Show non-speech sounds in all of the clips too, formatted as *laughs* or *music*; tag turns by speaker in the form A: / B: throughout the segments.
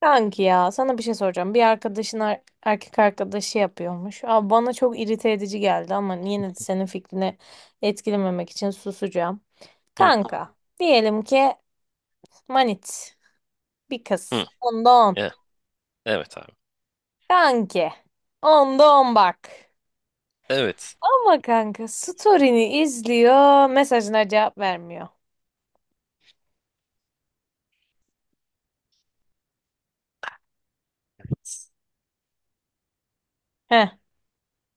A: Kanki ya sana bir şey soracağım. Bir arkadaşın erkek arkadaşı yapıyormuş. Abi bana çok irite edici geldi ama yine de senin fikrini etkilememek için susacağım.
B: Hı,
A: Kanka diyelim ki manit bir kız.
B: hı.
A: Onda on.
B: E, evet abi.
A: Kanki onda on bak.
B: Evet.
A: Ama kanka story'ni izliyor, mesajına cevap vermiyor.
B: Evet.
A: Heh,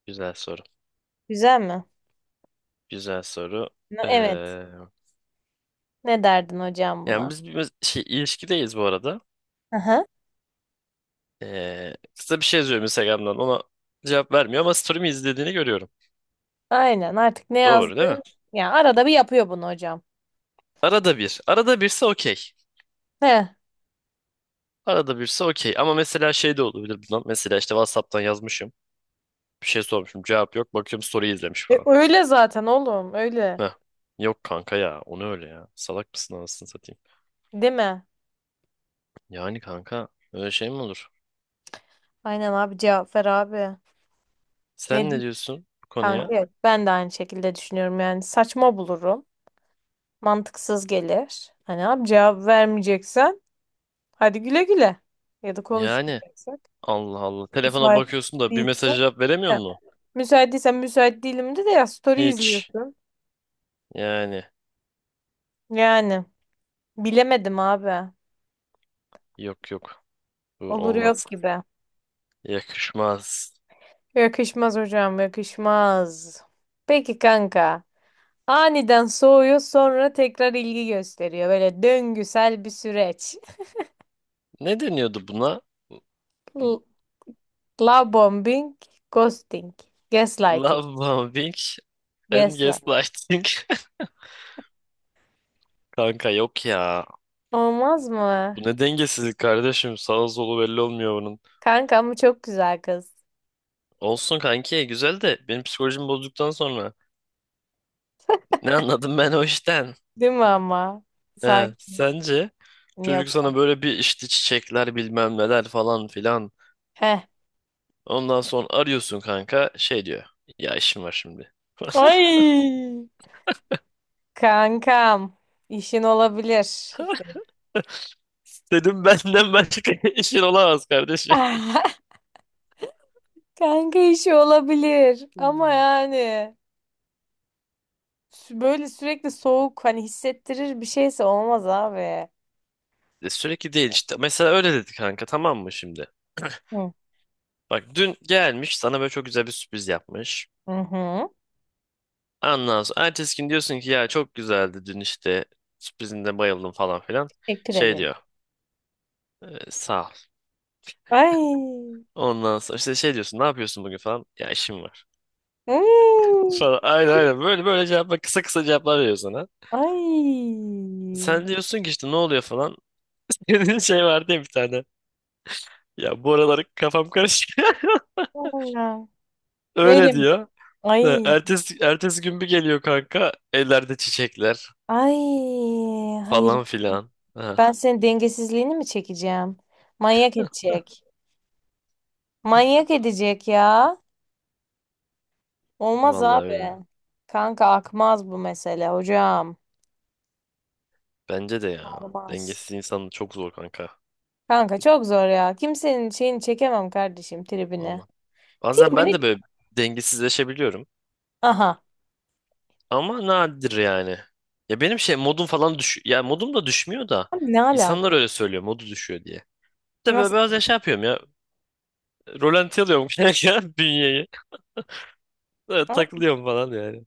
B: Güzel soru.
A: güzel mi?
B: Güzel soru.
A: Evet,
B: Ee,
A: ne derdin hocam
B: Yani
A: buna?
B: biz bir şey ilişkideyiz bu arada.
A: Aha.
B: Kısa bir şey yazıyorum Instagram'dan. Ona cevap vermiyor ama story'mi izlediğini görüyorum.
A: Aynen, artık ne
B: Doğru değil mi?
A: yazdın? Ya arada bir yapıyor bunu hocam.
B: Arada bir. Arada birse okey.
A: He.
B: Arada birse okey. Ama mesela şey de olabilir bundan. Mesela işte WhatsApp'tan yazmışım. Bir şey sormuşum. Cevap yok. Bakıyorum story izlemiş
A: E,
B: falan.
A: öyle zaten oğlum, öyle.
B: Heh. Yok kanka ya. Onu öyle ya. Salak mısın anasını satayım.
A: Değil mi?
B: Yani kanka öyle şey mi olur?
A: Aynen abi, cevap ver abi.
B: Sen ne
A: Nedir?
B: diyorsun bu
A: Kanka
B: konuya?
A: evet, ben de aynı şekilde düşünüyorum, yani saçma bulurum. Mantıksız gelir. Hani abi, cevap vermeyeceksen hadi güle güle. Ya da
B: Yani
A: konuşmayacaksak.
B: Allah Allah. Telefona
A: Müsait
B: bakıyorsun da bir
A: değilse.
B: mesaja cevap veremiyor
A: Heh.
B: mu?
A: Müsait değilsen müsait değilim de de, ya story
B: Hiç.
A: izliyorsun.
B: Yani
A: Yani bilemedim abi.
B: yok yok. Bu
A: Olur yok
B: olmaz.
A: gibi.
B: Yakışmaz.
A: Yakışmaz hocam, yakışmaz. Peki kanka. Aniden soğuyor, sonra tekrar ilgi gösteriyor. Böyle döngüsel bir süreç.
B: Ne deniyordu buna?
A: L- Love bombing, ghosting, gaslighting,
B: Love bombing and
A: gaslight.
B: gaslighting. *laughs* Kanka yok ya.
A: Olmaz mı?
B: Bu ne dengesizlik kardeşim. Sağı solu belli olmuyor bunun.
A: Kanka ama çok güzel kız.
B: Olsun kanki güzel de benim psikolojimi bozduktan sonra ne anladım ben o işten?
A: Değil mi ama? Sanki
B: He, sence
A: yok.
B: çocuk sana böyle bir işte çiçekler bilmem neler falan filan.
A: Heh.
B: Ondan sonra arıyorsun kanka şey diyor. Ya işim var şimdi. *laughs*
A: Ay! Kankam, işin olabilir. Senin.
B: Dedim benden başka *laughs* işin olamaz kardeşim.
A: *laughs* Kanka işi olabilir ama yani böyle sürekli soğuk hani hissettirir bir şeyse olmaz abi.
B: Sürekli değil işte. Mesela öyle dedi kanka tamam mı şimdi?
A: Hı.
B: Bak dün gelmiş sana böyle çok güzel bir sürpriz yapmış.
A: Hı hı.
B: Ondan sonra ertesi gün diyorsun ki ya çok güzeldi dün işte sürprizinde bayıldım falan filan.
A: Teşekkür
B: Şey
A: ederim.
B: diyor sağ ol.
A: Ay.
B: Ondan sonra işte şey diyorsun ne yapıyorsun bugün falan. Ya işim var.
A: Hmm.
B: Falan. Aynen aynen. Böyle böyle cevaplar kısa kısa cevaplar veriyor sana.
A: Ay.
B: Sen diyorsun ki işte ne oluyor falan. *laughs* Dediğin şey vardı ya bir tane. Ya bu aralar kafam karışık. *laughs*
A: Vallahi.
B: Öyle
A: Böyle mi?
B: diyor. Ha,
A: Ay.
B: ertesi, ertesi gün bir geliyor kanka. Ellerde çiçekler
A: Ay. Hayır.
B: falan filan. Ha,
A: Ben senin dengesizliğini mi çekeceğim? Manyak edecek. Manyak edecek ya. Olmaz
B: vallahi
A: abi.
B: öyle.
A: Kanka akmaz bu mesele hocam.
B: Bence de ya.
A: Akmaz.
B: Dengesiz insan çok zor kanka.
A: Kanka çok zor ya. Kimsenin şeyini çekemem kardeşim, tribini.
B: Vallahi. Bazen ben
A: Tribini.
B: de böyle dengesizleşebiliyorum.
A: Aha.
B: Ama nadir yani. Ya benim şey modum falan düş ya modum da düşmüyor da
A: Abi, ne
B: insanlar
A: alaka?
B: öyle söylüyor modu düşüyor diye. İşte böyle
A: Nasıl?
B: biraz şey yapıyorum ya. Rolanti alıyorum *laughs* kanka bünyeyi. Böyle takılıyorum falan yani.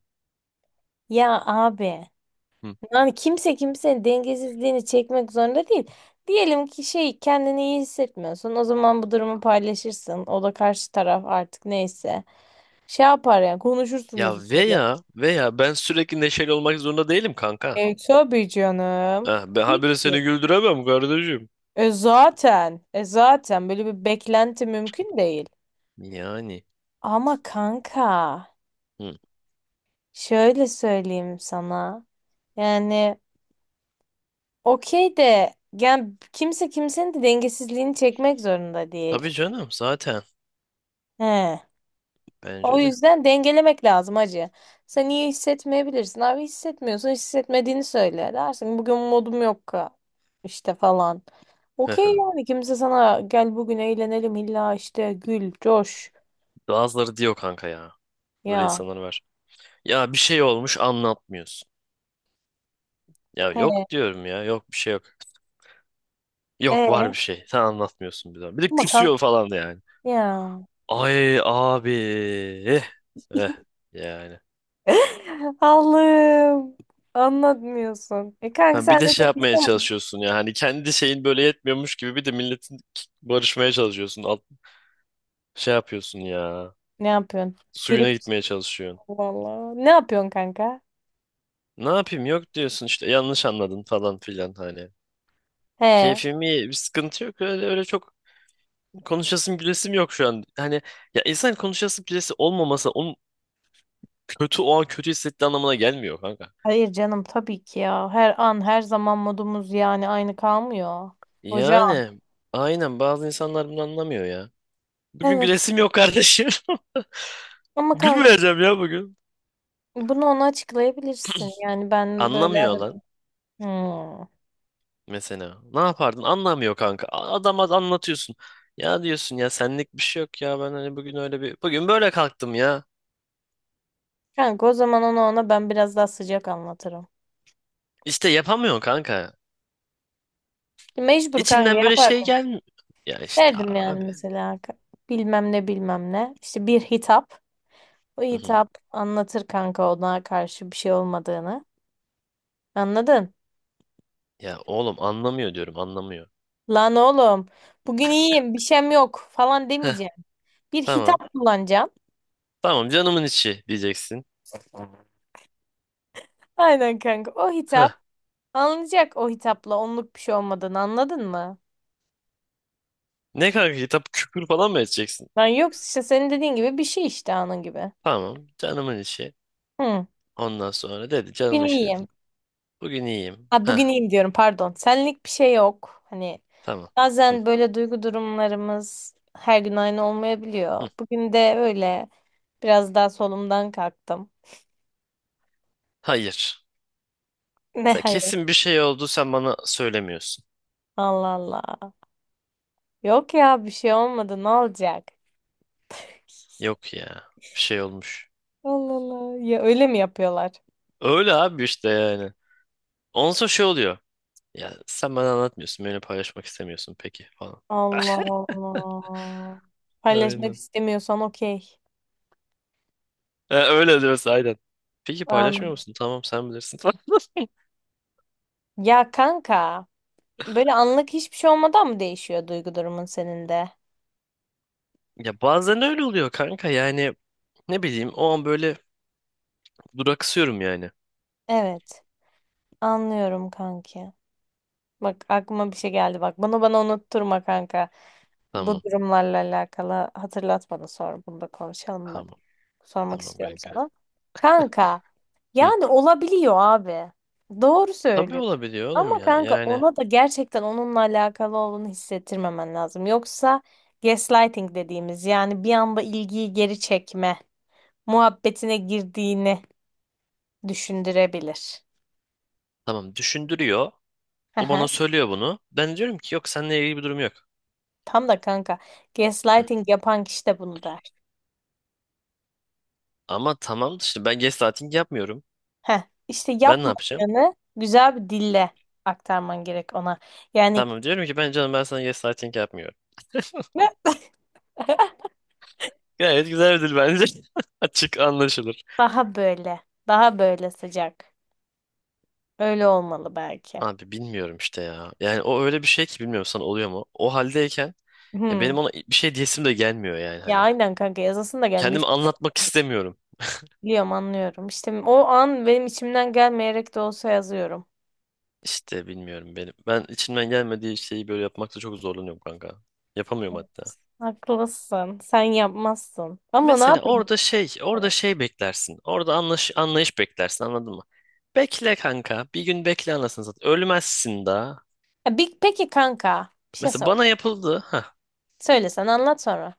A: Ya abi.
B: Hı.
A: Yani kimse kimsenin dengesizliğini çekmek zorunda değil. Diyelim ki şey, kendini iyi hissetmiyorsun. O zaman bu durumu paylaşırsın. O da karşı taraf artık neyse. Şey yapar, yani
B: Ya
A: konuşursunuz böyle.
B: veya ben sürekli neşeli olmak zorunda değilim kanka.
A: E, tabii canım.
B: Ha, ben
A: Tabii
B: habire
A: ki.
B: seni güldüremem kardeşim.
A: E zaten. E zaten böyle bir beklenti mümkün değil.
B: Yani.
A: Ama kanka
B: Hı.
A: şöyle söyleyeyim sana. Yani okey de, yani kimse kimsenin de dengesizliğini çekmek zorunda değil.
B: Tabii canım zaten.
A: He. O
B: Bence de.
A: yüzden dengelemek lazım hacı. Sen iyi hissetmeyebilirsin abi, hissetmiyorsun, hissetmediğini söyle, dersin bugün modum yok işte falan. Okey,
B: *laughs*
A: yani kimse sana gel bugün eğlenelim illa işte gül coş
B: Bazıları diyor kanka ya. Böyle
A: ya,
B: insanlar var. Ya bir şey olmuş anlatmıyorsun. Ya
A: he,
B: yok diyorum ya yok bir şey yok. Yok var bir
A: e
B: şey. Sen anlatmıyorsun bir zaman. Bir de
A: ama kanka
B: küsüyor falan da yani.
A: ya.
B: Ay abi. Eh. Eh.
A: *laughs*
B: Yani.
A: Allah'ım, anlatmıyorsun. E kanka,
B: Ha,
A: sen
B: bir de
A: de
B: şey
A: tek
B: yapmaya
A: insan mı?
B: çalışıyorsun ya hani kendi şeyin böyle yetmiyormuş gibi bir de milletin barışmaya çalışıyorsun. Alt, şey yapıyorsun ya.
A: Ne yapıyorsun? Trip
B: Suyuna gitmeye çalışıyorsun.
A: vallahi. Ne yapıyorsun kanka?
B: Ne yapayım yok diyorsun işte yanlış anladın falan filan hani.
A: He.
B: Keyfim iyi bir sıkıntı yok öyle öyle çok konuşasım gülesim yok şu an. Hani ya insan konuşası gülesi olmaması onun kötü o an kötü hissettiği anlamına gelmiyor kanka.
A: Hayır canım, tabii ki ya. Her an her zaman modumuz yani aynı kalmıyor. Hocam.
B: Yani aynen bazı insanlar bunu anlamıyor ya. Bugün
A: Evet.
B: gülesim yok kardeşim. *laughs*
A: Ama kanka
B: Gülmeyeceğim ya bugün.
A: bunu ona açıklayabilirsin. Yani ben böyle
B: Anlamıyor
A: aradım.
B: lan.
A: Hmm.
B: Mesela. Ne yapardın? Anlamıyor kanka. Adama anlatıyorsun. Ya diyorsun ya senlik bir şey yok ya ben hani bugün öyle bir bugün böyle kalktım ya.
A: Kanka o zaman onu, ona ben biraz daha sıcak anlatırım.
B: İşte yapamıyorsun kanka.
A: Mecbur kanka,
B: İçinden böyle şey
A: yapardım.
B: gelmiyor. Ya işte
A: Derdim yani
B: abi.
A: mesela bilmem ne, bilmem ne. İşte bir hitap. O
B: Hı hı.
A: hitap anlatır kanka ona karşı bir şey olmadığını. Anladın?
B: Ya oğlum anlamıyor diyorum anlamıyor.
A: Lan oğlum, bugün iyiyim, bir şeyim yok falan
B: Heh,
A: demeyeceğim. Bir
B: tamam.
A: hitap kullanacaksın.
B: Tamam canımın içi diyeceksin.
A: Aynen kanka. O
B: Heh.
A: hitap anlayacak, o hitapla onluk bir şey olmadığını, anladın mı?
B: Ne kanka kitap küfür falan mı edeceksin?
A: Lan, yoksa işte senin dediğin gibi bir şey, işte anın gibi.
B: Tamam canımın içi.
A: Hı.
B: Ondan sonra dedi
A: Bugün
B: canımın içi
A: iyiyim.
B: dedin. Bugün iyiyim.
A: Ha, bugün
B: Heh,
A: iyiyim diyorum pardon. Senlik bir şey yok. Hani
B: tamam. Hı,
A: bazen böyle duygu durumlarımız her gün aynı olmayabiliyor.
B: hı.
A: Bugün de öyle, biraz daha solumdan kalktım. *laughs*
B: Hayır.
A: Ne
B: Sen
A: hayır.
B: kesin bir şey oldu sen bana söylemiyorsun.
A: Allah Allah. Yok ya, bir şey olmadı, ne olacak?
B: Yok ya. Bir şey olmuş.
A: Allah Allah. Ya öyle mi yapıyorlar?
B: Öyle abi işte yani. Ondan sonra şey oluyor. Ya sen bana anlatmıyorsun. Benimle paylaşmak istemiyorsun peki falan.
A: Allah Allah. Paylaşmak
B: Aynen.
A: istemiyorsan okey.
B: Öyle diyorsun aynen. Peki paylaşmıyor
A: An-
B: musun? Tamam sen bilirsin falan. *laughs*
A: ya kanka, böyle anlık hiçbir şey olmadan mı değişiyor duygu durumun senin de?
B: Ya bazen öyle oluyor kanka yani. Ne bileyim o an böyle duraksıyorum yani.
A: Evet. Anlıyorum kanki. Bak, aklıma bir şey geldi bak. Bunu bana unutturma kanka. Bu
B: Tamam
A: durumlarla alakalı hatırlat bana, sonra bunu da konuşalım bak.
B: tamam
A: Sormak
B: tamam
A: istiyorum
B: kanka.
A: sana. Kanka
B: Hı.
A: yani olabiliyor abi. Doğru
B: Tabii
A: söylüyorsun.
B: olabiliyor oğlum
A: Ama
B: ya
A: kanka
B: yani.
A: ona da gerçekten onunla alakalı olduğunu hissettirmemen lazım. Yoksa gaslighting dediğimiz, yani bir anda ilgiyi geri çekme muhabbetine girdiğini düşündürebilir.
B: Tamam düşündürüyor.
A: Hı
B: O bana
A: hı.
B: söylüyor bunu. Ben diyorum ki yok seninle ilgili bir durum yok.
A: Tam da kanka gaslighting yapan kişi de bunu der.
B: Ama tamam işte ben gaslighting yapmıyorum.
A: Heh, işte
B: Ben ne yapacağım?
A: yapmadığını güzel bir dille aktarman gerek ona. Yani
B: Tamam diyorum ki canım ben sana gaslighting yapmıyorum.
A: "Mö." *laughs*
B: Gayet güzel bir dil bence. *laughs* Açık anlaşılır.
A: Daha böyle, daha böyle sıcak. Öyle olmalı belki.
B: Abi bilmiyorum işte ya. Yani o öyle bir şey ki bilmiyorum sana oluyor mu? O haldeyken ya benim
A: Hmm.
B: ona bir şey diyesim de gelmiyor yani
A: Ya
B: hani.
A: aynen kanka, yazasın da gelmiş.
B: Kendimi anlatmak istemiyorum.
A: Biliyorum, anlıyorum. İşte o an benim içimden gelmeyerek de olsa yazıyorum.
B: İşte bilmiyorum benim. Ben içimden gelmediği şeyi böyle yapmakta çok zorlanıyorum kanka. Yapamıyorum hatta.
A: Haklısın. Sen yapmazsın. Ama ne
B: Mesela
A: yapayım?
B: orada şey, orada şey beklersin. Orada anlaş, anlayış beklersin, anladın mı? Bekle kanka. Bir gün bekle anasını satayım. Ölmezsin daha.
A: Ha, peki kanka, bir şey
B: Mesela bana
A: soracağım.
B: yapıldı. Ha.
A: Söyle, sen anlat sonra.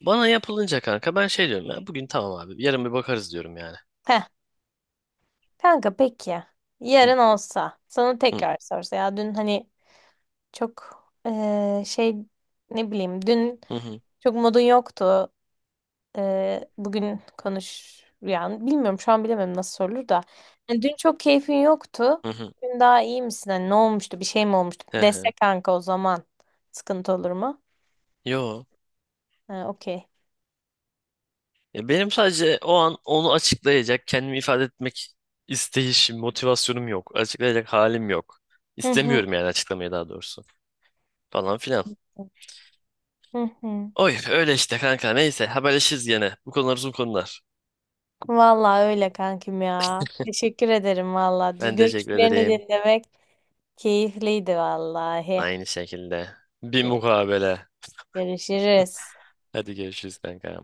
B: Bana yapılınca kanka ben şey diyorum ya. Bugün tamam abi. Yarın bir bakarız diyorum yani.
A: Kanka peki
B: Hı
A: yarın olsa sana
B: hı,
A: tekrar sorsa, ya dün hani çok şey, ne bileyim, dün
B: hı hı,
A: çok modun yoktu, bugün konuş, yani bilmiyorum şu an, bilemem nasıl sorulur da hani dün çok keyfin yoktu,
B: hı hı.
A: bugün daha iyi misin, hani ne olmuştu, bir şey mi olmuştu
B: Hı
A: dese
B: hı.
A: kanka, o zaman sıkıntı olur mu?
B: Yo.
A: Ha, okey.
B: Ya benim sadece o an onu açıklayacak, kendimi ifade etmek isteyişim, motivasyonum yok. Açıklayacak halim yok.
A: Hı hı.
B: İstemiyorum yani açıklamayı daha doğrusu. Falan filan.
A: Hı hı.
B: Oy öyle işte kanka neyse haberleşiriz gene. Bu konular uzun konular.
A: Vallahi öyle kankim ya. Teşekkür ederim vallahi.
B: Ben teşekkür
A: Görüşlerini
B: ederim.
A: dinlemek. Keyifliydi vallahi.
B: Aynı şekilde. Bir
A: Gö-
B: mukabele.
A: Görüşürüz.
B: Hadi görüşürüz kanka.